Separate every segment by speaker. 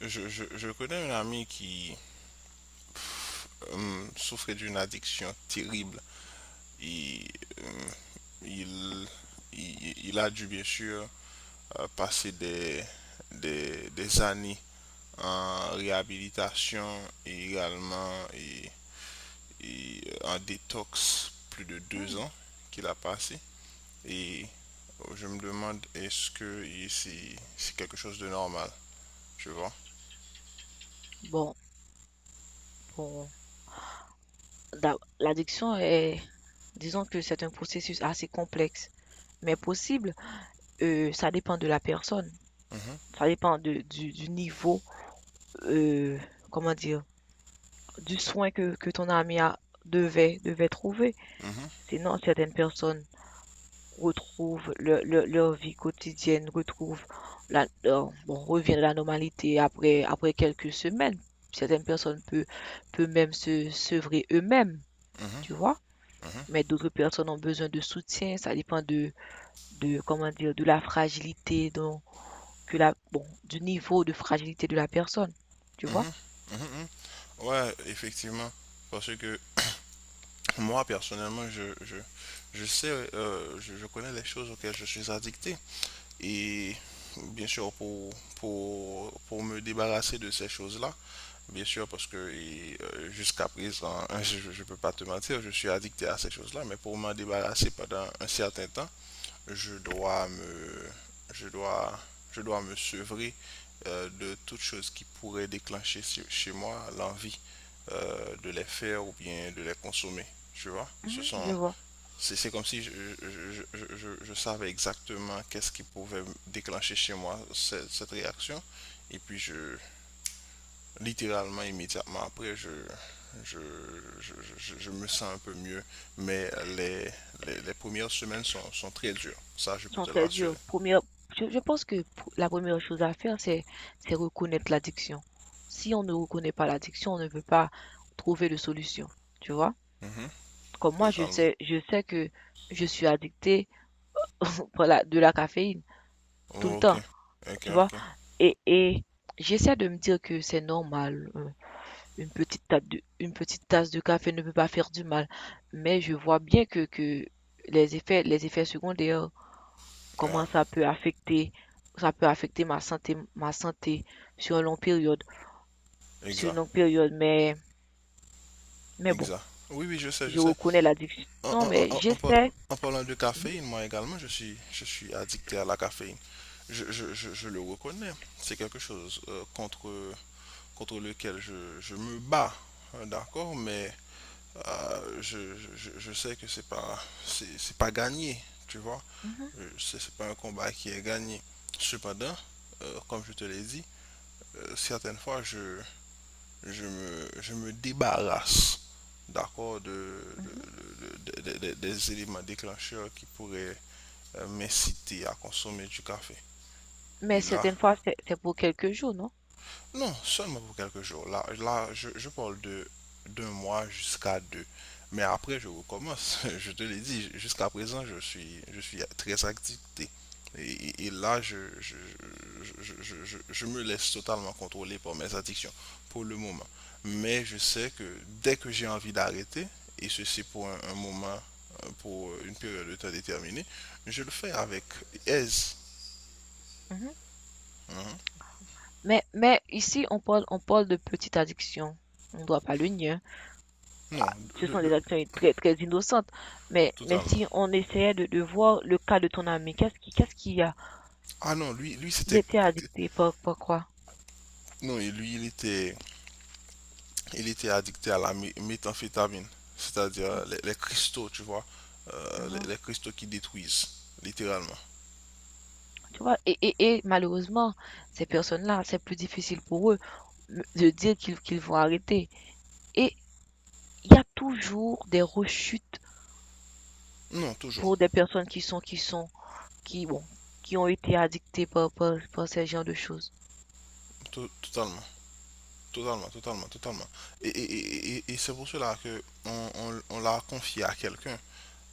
Speaker 1: Je connais un ami qui souffrait d'une addiction terrible. Et, euh, il, il a dû bien sûr passer des années en réhabilitation et également en détox, plus de
Speaker 2: Hmm.
Speaker 1: deux ans qu'il a passé. Et je me demande est-ce que c'est quelque chose de normal, tu vois?
Speaker 2: Bon, bon, l'addiction est, disons que c'est un processus assez complexe, mais possible. Ça dépend de la personne,
Speaker 1: Mhm,
Speaker 2: ça dépend du du niveau, euh, comment dire, du soin que ton ami a, devait trouver.
Speaker 1: mhm,
Speaker 2: Sinon, certaines personnes retrouvent leur vie quotidienne, retrouvent bon, reviennent à la normalité après quelques semaines. Certaines personnes peuvent, peuvent même se sevrer eux-mêmes,
Speaker 1: mhm,
Speaker 2: tu vois.
Speaker 1: mhm.
Speaker 2: Mais d'autres personnes ont besoin de soutien. Ça dépend de comment dire, de la fragilité, donc, que bon, du niveau de fragilité de la personne. Tu vois?
Speaker 1: Mhm, mhm, mhm. Ouais, effectivement. Parce que moi, personnellement, je sais, je connais les choses auxquelles je suis addicté. Et bien sûr, pour me débarrasser de ces choses-là, bien sûr, parce que jusqu'à présent, je ne peux pas te mentir, je suis addicté à ces choses-là, mais pour m'en débarrasser pendant un certain temps, je dois me, je dois, je dois me sevrer de toute chose qui pourrait déclencher chez moi l'envie de les faire ou bien de les consommer. Tu vois?
Speaker 2: Mhm, je vois.
Speaker 1: C'est comme si je savais exactement qu'est-ce qui pouvait déclencher chez moi cette réaction. Et puis littéralement, immédiatement après, je, je me sens un peu mieux. Mais les, les premières semaines sont très dures. Ça, je
Speaker 2: Ils
Speaker 1: peux
Speaker 2: sont
Speaker 1: te
Speaker 2: très
Speaker 1: l'assurer.
Speaker 2: durs. Première, je pense que pour- la première chose à faire, c'est reconnaître l'addiction. Si on ne reconnaît pas l'addiction, on ne peut pas trouver de solution. Tu vois?
Speaker 1: Mhm,
Speaker 2: Comme moi,
Speaker 1: totalement.
Speaker 2: je sais que je suis addictée par la- de la caféine tout le
Speaker 1: Ok,
Speaker 2: temps.
Speaker 1: ok,
Speaker 2: Tu vois?
Speaker 1: ok.
Speaker 2: Et j'essaie de me dire que c'est normal. Une petite tasse de une petite tasse de café ne peut pas faire du mal, mais je vois bien que les effets secondaires,
Speaker 1: Ah,
Speaker 2: comment ça peut affecter ma santé sur une longue période sur une
Speaker 1: exact,
Speaker 2: longue période, mais bon,
Speaker 1: exact. Oui, oui, je sais, je
Speaker 2: je
Speaker 1: sais.
Speaker 2: reconnais
Speaker 1: En,
Speaker 2: l'addiction,
Speaker 1: en- en-
Speaker 2: mais
Speaker 1: en- en par-
Speaker 2: j'essaie.
Speaker 1: en parlant de
Speaker 2: Mhm,
Speaker 1: caféine, moi également, je suis addicté à la caféine. Je le reconnais. C'est quelque chose contre lequel je me bats, hein, d'accord, mais je sais que c'est pas, c'est pas gagné, tu vois.
Speaker 2: mhm,
Speaker 1: C'est pas un combat qui est gagné. Cependant, comme je te l'ai dit, certaines fois, je me débarrasse d'accord de,
Speaker 2: mhm.
Speaker 1: de- de- de- de- des éléments déclencheurs qui pourraient m'inciter à consommer du café.
Speaker 2: Mais
Speaker 1: Et là,
Speaker 2: certaines fois, c'est pour quelques jours, non?
Speaker 1: non, seulement pour quelques jours. Là, là, je parle de d'un mois jusqu'à deux. Mais après, je recommence. Je te l'ai dit, jusqu'à présent, je suis très activité. Et là, je me laisse totalement contrôler par mes addictions pour le moment. Mais je sais que dès que j'ai envie d'arrêter, et ceci pour un moment, pour une période de temps déterminée, je le fais avec aise.
Speaker 2: Mhm.
Speaker 1: Mhm.
Speaker 2: Mais ici, on parle de petite addiction. On ne doit pas le nier.
Speaker 1: Non,
Speaker 2: Ce sont des actions très, très innocentes. Mais
Speaker 1: totalement.
Speaker 2: si on essayait de voir le cas de ton ami, qu'est-ce qu'il y a?
Speaker 1: Ah non, lui
Speaker 2: Il
Speaker 1: c'était...
Speaker 2: était addicté par, par quoi?
Speaker 1: Non, et lui, il était addicté à la méthamphétamine, c'est-à-dire
Speaker 2: Oh,
Speaker 1: les cristaux, tu vois,
Speaker 2: je vois.
Speaker 1: les cristaux qui détruisent, littéralement.
Speaker 2: Tu vois, et malheureusement, ces personnes-là, c'est plus difficile pour eux de dire qu'ils vont arrêter. Et il y a toujours des rechutes
Speaker 1: Non, toujours,
Speaker 2: pour des personnes qui, bon, qui ont été addictées par, par, par ces genres de choses.
Speaker 1: to- totalement, totalement, totalement. Et c'est pour cela que on l'a confié à quelqu'un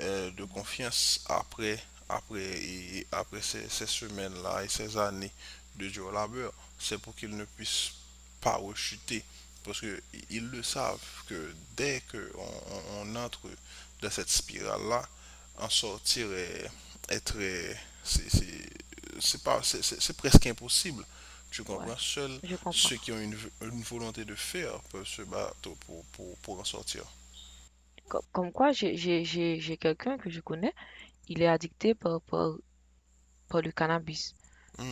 Speaker 1: de confiance, et après ces, ces semaines-là et ces années de dur labeur. C'est pour qu'ils ne puissent pas rechuter. Parce qu'ils le savent que dès qu'on entre dans cette spirale-là, en sortir est très. C'est- c'est- c'est pas- c'est- presque impossible. Tu
Speaker 2: Ouais,
Speaker 1: comprends? Seuls
Speaker 2: je comprends.
Speaker 1: ceux qui ont une volonté de faire peuvent se battre pour en sortir.
Speaker 2: Quoi, j'ai quelqu'un que je connais, il est addicté par, par le cannabis.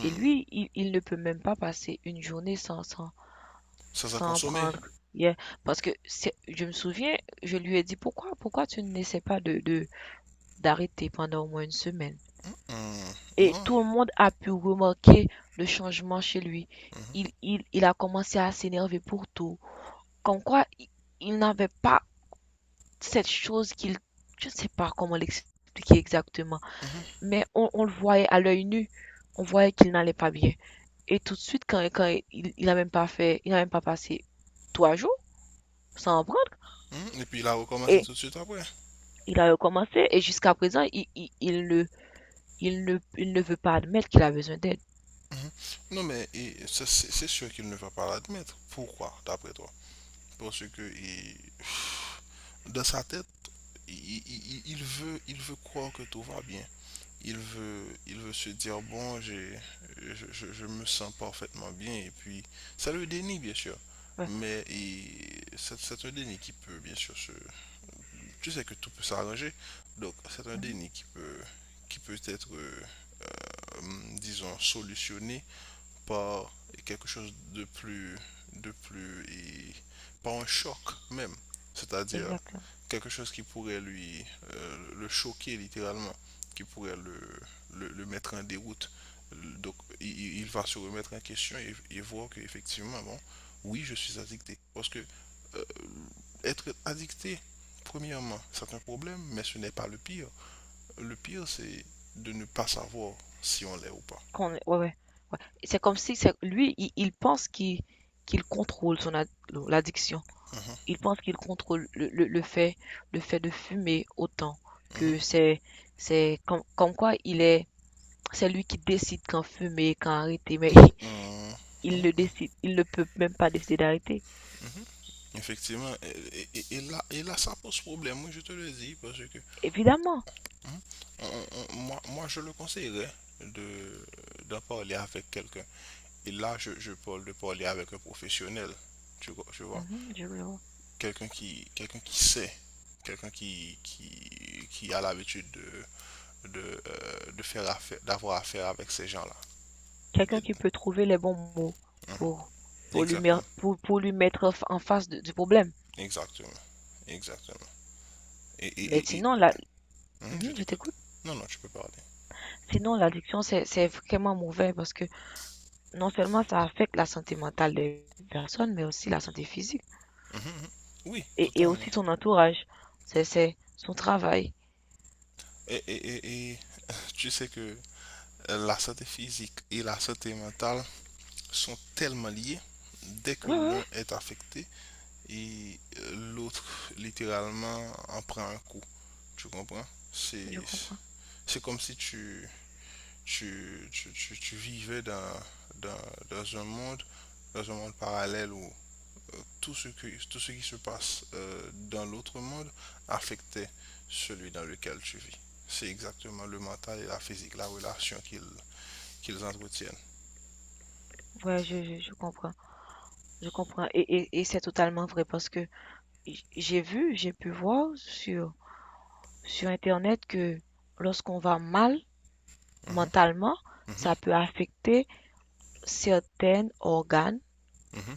Speaker 2: Et lui, il ne peut même pas passer une journée
Speaker 1: Sans à
Speaker 2: sans en
Speaker 1: consommer.
Speaker 2: prendre. Yeah. Parce que c'est- je me souviens, je lui ai dit pourquoi tu n'essaies pas d'arrêter pendant au moins une semaine.
Speaker 1: Hmm,
Speaker 2: Et
Speaker 1: non.
Speaker 2: tout le monde a pu remarquer le changement chez lui.
Speaker 1: Mhm,
Speaker 2: Il a commencé à s'énerver pour tout. Comme quoi, il n'avait pas cette chose qu'il, je ne sais pas comment l'expliquer exactement,
Speaker 1: mhm,
Speaker 2: mais on le voyait à l'œil nu, on voyait qu'il n'allait pas bien. Et tout de suite, quand il a même pas fait, il a même pas passé trois jours sans en prendre.
Speaker 1: mhm. Et puis il a recommencé
Speaker 2: Et
Speaker 1: tout de suite après.
Speaker 2: il a recommencé. Et jusqu'à présent, il ne veut pas admettre qu'il a besoin d'aide.
Speaker 1: Mhm. Non, mais c'est c'est sûr qu'il ne va pas l'admettre. Pourquoi, d'après toi? Parce que dans sa tête, il veut croire que tout va bien. Il veut se dire, bon, je me sens parfaitement bien. Et puis, ça le dénie, bien sûr.
Speaker 2: Ouais.
Speaker 1: Mais c'est un déni qui peut, bien sûr, se... Tu sais que tout peut s'arranger. Donc, c'est un
Speaker 2: Mhm.
Speaker 1: déni qui peut être... disons, solutionné par quelque chose de plus, et par un choc même. C'est-à-dire
Speaker 2: Exactement.
Speaker 1: quelque chose qui pourrait le choquer littéralement, qui pourrait le mettre en déroute. Donc, il va se remettre en question et voir qu'effectivement, bon, oui, je suis addicté. Parce que euh, être addicté, premièrement, c'est un problème, mais ce n'est pas le pire. Le pire, c'est de ne pas savoir si on l'est ou pas.
Speaker 2: Qu'on- ouais, ouais, ouais. C'est comme si c'est, lui, il pense qu'il, qu'il contrôle son ad- l'addiction.
Speaker 1: Mhm.
Speaker 2: Il pense qu'il contrôle le fait de fumer autant
Speaker 1: Mhm,
Speaker 2: que c'est, c'est comme, comme quoi il est, c'est lui qui décide quand fumer, quand arrêter, mais
Speaker 1: mhm, mhm,
Speaker 2: il le
Speaker 1: mhm.
Speaker 2: décide, il ne peut même pas décider d'arrêter.
Speaker 1: Mhm. Effectivement, et là, ça pose problème, moi je te le dis, parce que
Speaker 2: Évidemment.
Speaker 1: mhm, moi je le conseillerais de, d'en parler avec quelqu'un. Et là, je parle de parler avec un professionnel, tu vois.
Speaker 2: Mhm, je le vois.
Speaker 1: Quelqu'un qui, quelqu'un qui sait, quelqu'un qui a l'habitude d'avoir affaire avec ces gens-là.
Speaker 2: Quelqu'un qui peut trouver les bons mots
Speaker 1: Mhm.
Speaker 2: pour,
Speaker 1: Exactement,
Speaker 2: pour lui mettre en fa- en face de- du problème.
Speaker 1: exactement, exactement.
Speaker 2: Mais
Speaker 1: Et,
Speaker 2: sinon, la,
Speaker 1: mhm, je
Speaker 2: mhm, je
Speaker 1: t'écoute.
Speaker 2: t'écoute.
Speaker 1: Non, non, tu peux parler.
Speaker 2: Sinon, l'addiction, c'est vraiment mauvais parce que non seulement ça affecte la santé mentale des personnes, mais aussi la santé physique
Speaker 1: Mhm, mhm. Oui,
Speaker 2: et
Speaker 1: totalement.
Speaker 2: aussi son entourage. C'est son travail.
Speaker 1: Et tu sais que la santé physique et la santé mentale sont tellement liées. Dès que
Speaker 2: Ouais, ouais, ouais,
Speaker 1: l'un est affecté, l'autre, littéralement, en prend un coup. Tu comprends?
Speaker 2: je
Speaker 1: C'est,
Speaker 2: comprends.
Speaker 1: c'est comme si tu vivais dans, dans un monde, dans un monde parallèle où tout ce qui se passe dans l'autre monde affectait celui dans lequel tu vis. C'est exactement le mental et la physique, la relation qu'ils entretiennent.
Speaker 2: Ouais, je comprends. Je comprends. Et c'est totalement vrai parce que j- j'ai vu, j'ai pu voir sur Internet que lorsqu'on va mal
Speaker 1: Mhm,
Speaker 2: mentalement,
Speaker 1: mhm,
Speaker 2: ça peut affecter certains organes,
Speaker 1: mhm,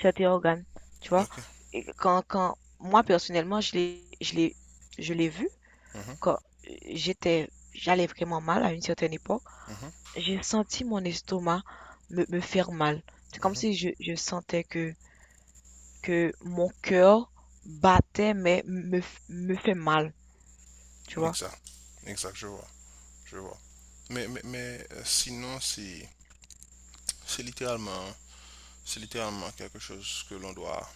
Speaker 2: certains organes, tu vois.
Speaker 1: ok.
Speaker 2: Et quand moi personnellement, je l'ai vu
Speaker 1: Mhm,
Speaker 2: quand j'étais, j'allais vraiment mal à une certaine époque,
Speaker 1: mhm,
Speaker 2: j'ai senti mon estomac me faire mal. C'est comme si
Speaker 1: mhm.
Speaker 2: je sentais que mon cœur battait, me fait mal, tu vois.
Speaker 1: Exact. Exact, je vois. Je vois. Mais, sinon, c'est littéralement, c'est littéralement quelque chose que l'on doit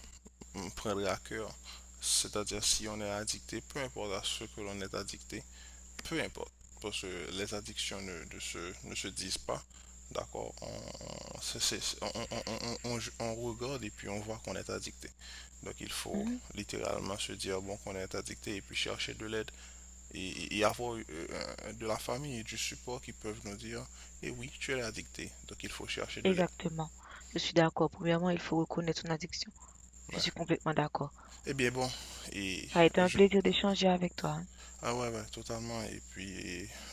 Speaker 1: prendre à cœur. C'est-à-dire, si on est addicté, peu importe à ce que l'on est addicté, peu importe, parce que les addictions ne se disent pas. D'accord, on regarde et puis on voit qu'on est addicté. Donc il faut
Speaker 2: Mhm.
Speaker 1: littéralement se dire bon qu'on est addicté et puis chercher de l'aide et avoir de la famille et du support qui peuvent nous dire eh oui tu es addicté donc il faut chercher de l'aide.
Speaker 2: Exactement. Je suis d'accord. Premièrement, il faut reconnaître son addiction. Je
Speaker 1: Ouais.
Speaker 2: suis complètement d'accord.
Speaker 1: Eh bien bon et
Speaker 2: Ça a été un
Speaker 1: je
Speaker 2: plaisir d'échanger avec toi.
Speaker 1: ah ouais, ouais totalement et puis et,